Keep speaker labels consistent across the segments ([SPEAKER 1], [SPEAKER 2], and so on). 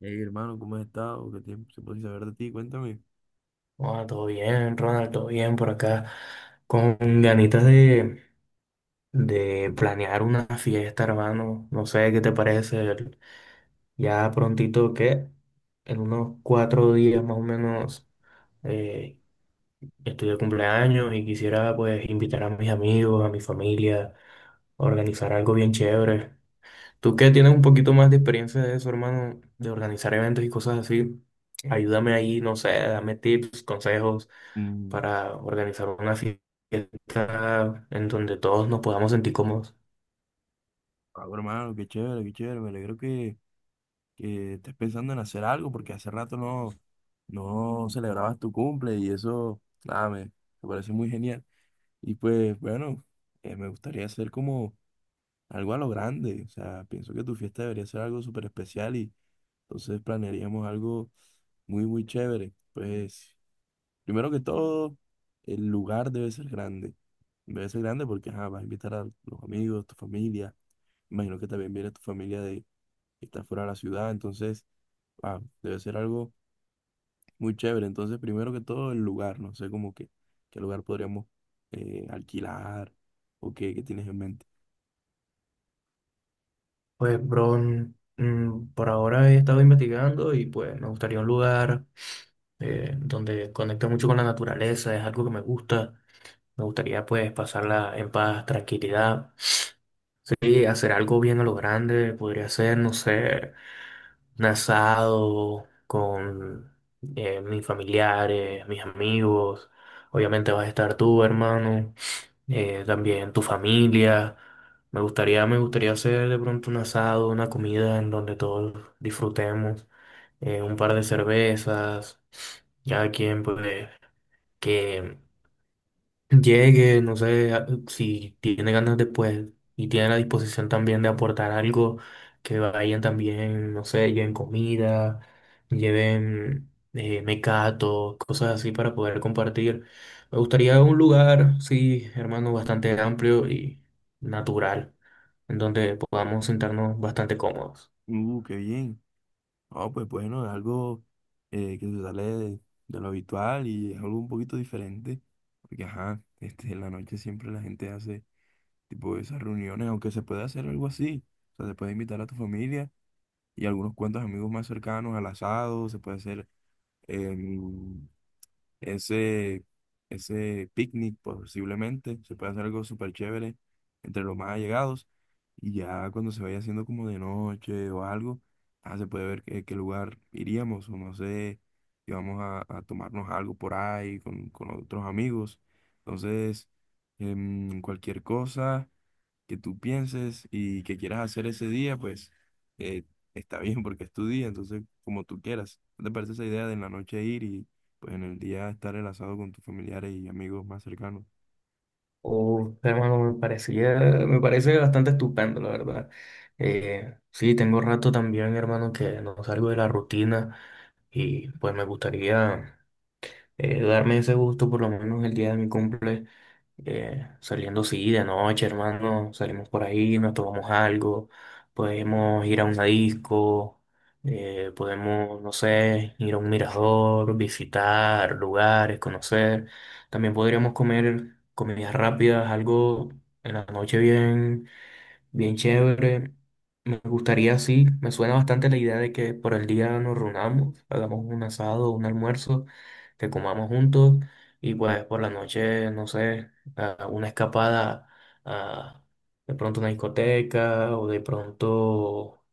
[SPEAKER 1] Hey, hermano, ¿cómo has estado? ¿Qué tiempo se puede saber de ti? Cuéntame.
[SPEAKER 2] Hola, todo bien, Ronald, todo bien por acá. Con ganitas de planear una fiesta, hermano. No sé qué te parece. Ya prontito que en unos 4 días más o menos eh, estoy de cumpleaños y quisiera pues invitar a mis amigos, a mi familia, a organizar algo bien chévere. Tú que tienes un poquito más de experiencia de eso, hermano, de organizar eventos y cosas así, ayúdame ahí, no sé, dame tips, consejos
[SPEAKER 1] Mm,
[SPEAKER 2] para organizar una fiesta en donde todos nos podamos sentir cómodos.
[SPEAKER 1] bueno, hermano, qué chévere, qué chévere. Me alegro que estés pensando en hacer algo porque hace rato no celebrabas tu cumple y eso. Nada, me parece muy genial. Y pues, bueno, me gustaría hacer como algo a lo grande. O sea, pienso que tu fiesta debería ser algo súper especial y entonces planearíamos algo muy, muy chévere. Pues, primero que todo, el lugar debe ser grande. Debe ser grande porque ajá, vas a invitar a los amigos, tu familia. Imagino que también viene tu familia de que está fuera de la ciudad. Entonces debe ser algo muy chévere. Entonces, primero que todo, el lugar. No sé cómo que qué lugar podríamos alquilar, o qué, qué tienes en mente.
[SPEAKER 2] Pues, bro, por ahora he estado investigando y pues me gustaría un lugar donde conecte mucho con la naturaleza, es algo que me gusta. Me gustaría pues pasarla en paz, tranquilidad. Sí, hacer algo bien a lo grande, podría ser, no sé. Un asado con mis familiares, mis amigos. Obviamente vas a estar tú, hermano, también tu familia. Me gustaría hacer de pronto un asado, una comida en donde todos disfrutemos, un par de cervezas, cada quien pues que llegue, no sé, si tiene ganas después y tiene la disposición también de aportar algo, que vayan también, no sé, lleven comida, lleven mecato, cosas así para poder compartir. Me gustaría un lugar, sí, hermano, bastante amplio y natural, en donde podamos sentarnos bastante cómodos.
[SPEAKER 1] Qué bien. No, pues bueno, es algo que se sale de lo habitual y es algo un poquito diferente. Porque, ajá, este, en la noche siempre la gente hace tipo esas reuniones, aunque se puede hacer algo así. O sea, se puede invitar a tu familia y algunos cuantos amigos más cercanos al asado. Se puede hacer em, ese, ese picnic posiblemente, se puede hacer algo súper chévere entre los más allegados, y ya cuando se vaya haciendo como de noche o algo, se puede ver qué, qué lugar iríamos, o no sé, si vamos a tomarnos algo por ahí con otros amigos. Entonces, cualquier cosa que tú pienses y que quieras hacer ese día, pues eh, está bien porque es tu día, entonces como tú quieras. ¿No te parece esa idea de en la noche ir y pues en el día estar el asado con tus familiares y amigos más cercanos?
[SPEAKER 2] Uf, hermano, me parece bastante estupendo, la verdad. Sí, tengo rato también, hermano, que no salgo de la rutina y pues me gustaría darme ese gusto por lo menos el día de mi cumple, saliendo sí de noche, hermano, salimos por ahí, nos tomamos algo, podemos ir a una disco, podemos, no sé, ir a un mirador, visitar lugares, conocer. También podríamos comer comidas rápidas, algo en la noche bien. Bien chévere. Me gustaría, sí, me suena bastante la idea de que por el día nos reunamos, hagamos un asado, un almuerzo, que comamos juntos y pues por la noche, no sé, a una escapada a de pronto una discoteca o de pronto,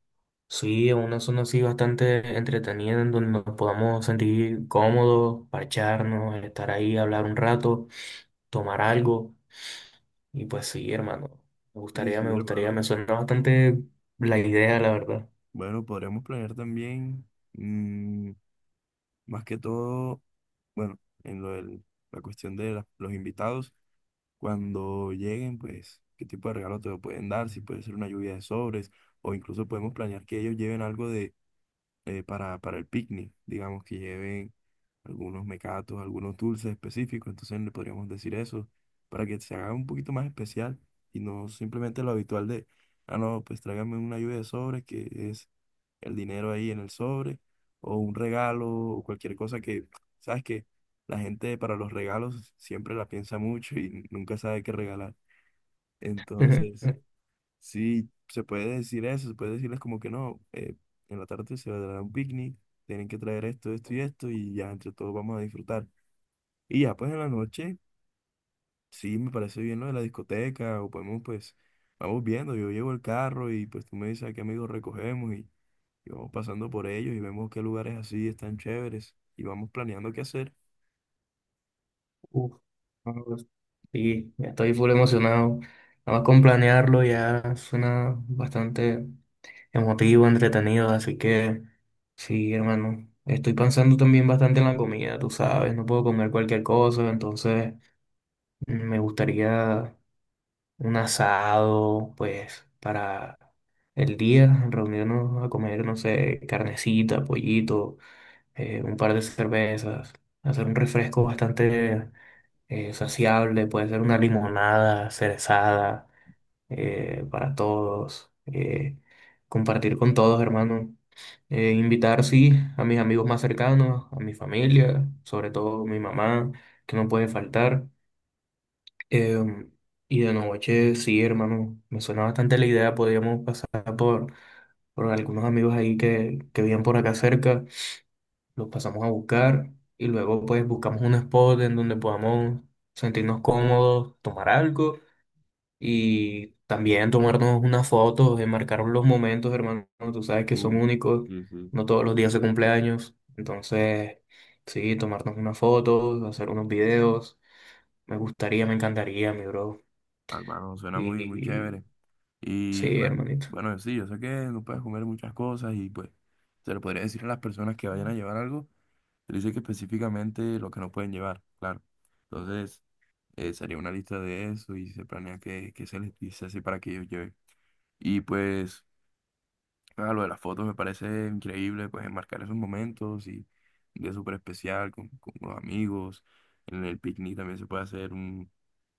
[SPEAKER 2] sí, a una zona así bastante entretenida en donde nos podamos sentir cómodos, parcharnos, estar ahí, hablar un rato, tomar algo. Y pues sí, hermano, me
[SPEAKER 1] Sí,
[SPEAKER 2] gustaría, me
[SPEAKER 1] sí,
[SPEAKER 2] gustaría,
[SPEAKER 1] hermano.
[SPEAKER 2] me suena bastante la idea, la verdad.
[SPEAKER 1] Bueno, podríamos planear también, mm, más que todo, bueno, en lo la cuestión de los invitados, cuando lleguen, pues, qué tipo de regalo te lo pueden dar, si puede ser una lluvia de sobres, o incluso podemos planear que ellos lleven algo para el picnic. Digamos que lleven algunos mecatos, algunos dulces específicos, entonces le podríamos decir eso, para que se haga un poquito más especial y no simplemente lo habitual de, ah, no, pues tráigame una lluvia de sobres, que es el dinero ahí en el sobre, o un regalo, o cualquier cosa que, sabes que la gente para los regalos siempre la piensa mucho y nunca sabe qué regalar. Entonces... Sí, se puede decir eso, se puede decirles como que no, en la tarde se va a dar un picnic, tienen que traer esto, esto y esto, y ya entre todos vamos a disfrutar. Y ya pues en la noche, sí, me parece bien lo de la discoteca, o podemos pues, vamos viendo, yo llevo el carro y pues tú me dices a qué amigos recogemos, y vamos pasando por ellos y vemos qué lugares así están chéveres y vamos planeando qué hacer.
[SPEAKER 2] Uf, no, pues, sí, ya estoy full emocionado. Nada más con planearlo ya suena bastante emotivo, entretenido, así que sí, hermano. Estoy pensando también bastante en la comida, tú sabes, no puedo comer cualquier cosa, entonces me gustaría un asado, pues, para el día, reunirnos a comer, no sé, carnecita, pollito, un par de cervezas, hacer un refresco bastante saciable, puede ser una limonada cerezada para todos, compartir con todos, hermano. Invitar, sí, a mis amigos más cercanos, a mi familia, sobre todo mi mamá, que no puede faltar. Em, y de noche, sí, hermano, me suena bastante la idea. Podríamos pasar por algunos amigos ahí que viven por acá cerca, los pasamos a buscar y luego pues buscamos un spot en donde podamos sentirnos cómodos, tomar algo y también tomarnos unas fotos, enmarcar los momentos, hermano. Tú sabes que son únicos, no todos los días se cumpleaños. Entonces, sí, tomarnos unas fotos, hacer unos videos. Me gustaría, me encantaría, mi bro.
[SPEAKER 1] Ah, hermano, suena muy, muy
[SPEAKER 2] Y
[SPEAKER 1] chévere. Y
[SPEAKER 2] sí,
[SPEAKER 1] pues,
[SPEAKER 2] hermanito.
[SPEAKER 1] bueno, sí, yo sé que no puedes comer muchas cosas y pues se lo podría decir a las personas que vayan a llevar algo, se les dice que específicamente lo que no pueden llevar, claro. Entonces, sería una lista de eso y se planea que se les dice así para que ellos lleven. Y pues, lo de las fotos me parece increíble, pues enmarcar esos momentos y un día súper especial con los amigos. En el picnic también se puede hacer una,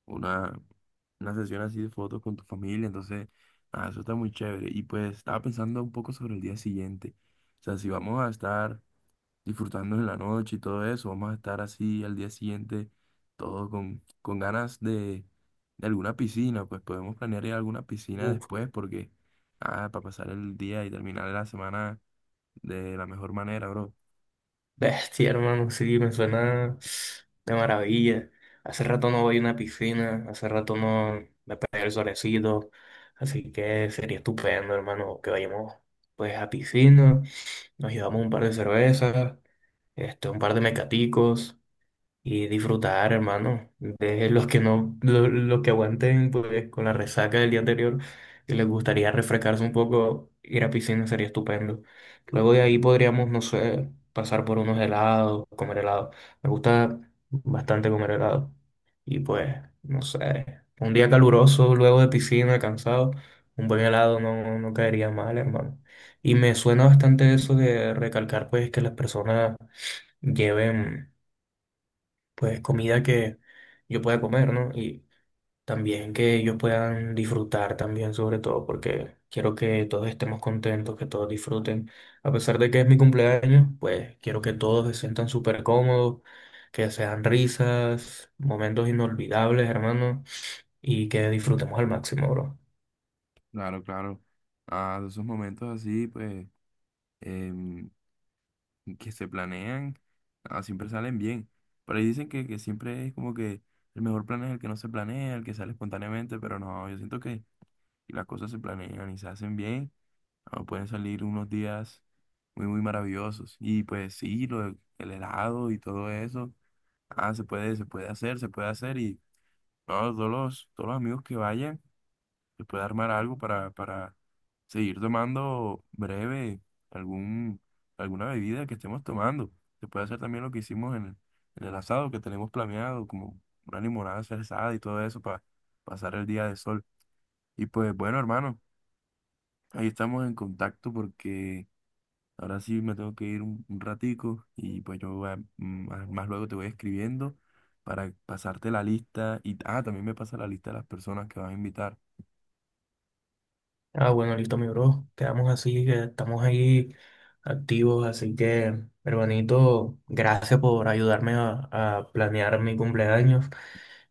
[SPEAKER 1] una sesión así de fotos con tu familia. Entonces, nada, eso está muy chévere. Y pues estaba pensando un poco sobre el día siguiente. O sea, si vamos a estar disfrutando en la noche y todo eso, vamos a estar así al día siguiente, todo con ganas de alguna piscina. Pues podemos planear ir a alguna piscina
[SPEAKER 2] Uf,
[SPEAKER 1] después porque, para pasar el día y terminar la semana de la mejor manera, bro.
[SPEAKER 2] bestia, hermano, sí, me suena de maravilla. Hace rato no voy a una piscina, hace rato no me pegué el solecito, así que sería estupendo, hermano, que vayamos pues a piscina, nos llevamos un par de cervezas, este, un par de mecaticos. Y disfrutar, hermano, de los que no, los que aguanten pues con la resaca del día anterior y les gustaría refrescarse un poco, ir a piscina sería estupendo. Luego de ahí
[SPEAKER 1] Mm,
[SPEAKER 2] podríamos, no sé, pasar por unos helados, comer helado. Me gusta bastante comer helado. Y pues, no sé, un día caluroso, luego de piscina, cansado, un buen helado no caería mal, hermano. Y me suena bastante eso de recalcar pues que las personas lleven pues comida que yo pueda comer, ¿no? Y también que ellos puedan disfrutar también, sobre todo, porque quiero que todos estemos contentos, que todos disfruten. A pesar de que es mi cumpleaños, pues quiero que todos se sientan súper cómodos, que sean risas, momentos inolvidables, hermano, y que disfrutemos al máximo, bro.
[SPEAKER 1] claro, claro. Ah, de esos momentos así, pues, que se planean, ah, siempre salen bien. Por ahí dicen que siempre es como que el mejor plan es el que no se planea, el que sale espontáneamente, pero no, yo siento que si las cosas se planean y se hacen bien, ah, pueden salir unos días muy, muy maravillosos. Y pues sí, el helado y todo eso, ah, se puede hacer y no, todos todos los amigos que vayan, se puede armar algo para seguir tomando breve algún, alguna bebida que estemos tomando. Se puede hacer también lo que hicimos en en el asado que tenemos planeado, como una limonada cerezada y todo eso para pasar el día de sol. Y pues bueno, hermano, ahí estamos en contacto porque ahora sí me tengo que ir un ratico y pues yo más, más luego te voy escribiendo para pasarte la lista y ah, también me pasa la lista de las personas que vas a invitar.
[SPEAKER 2] Ah, bueno, listo, mi bro. Quedamos así, que estamos ahí activos, así que, hermanito, gracias por ayudarme a planear mi cumpleaños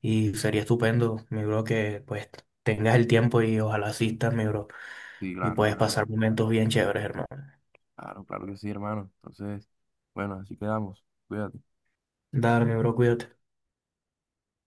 [SPEAKER 2] y sería estupendo, mi bro, que pues tengas el tiempo y ojalá asistas, mi bro,
[SPEAKER 1] Sí,
[SPEAKER 2] y
[SPEAKER 1] claro,
[SPEAKER 2] puedes
[SPEAKER 1] claro.
[SPEAKER 2] pasar momentos bien chéveres, hermano.
[SPEAKER 1] Claro, claro que sí, hermano. Entonces, bueno, así quedamos. Cuídate.
[SPEAKER 2] Dale, mi bro, cuídate.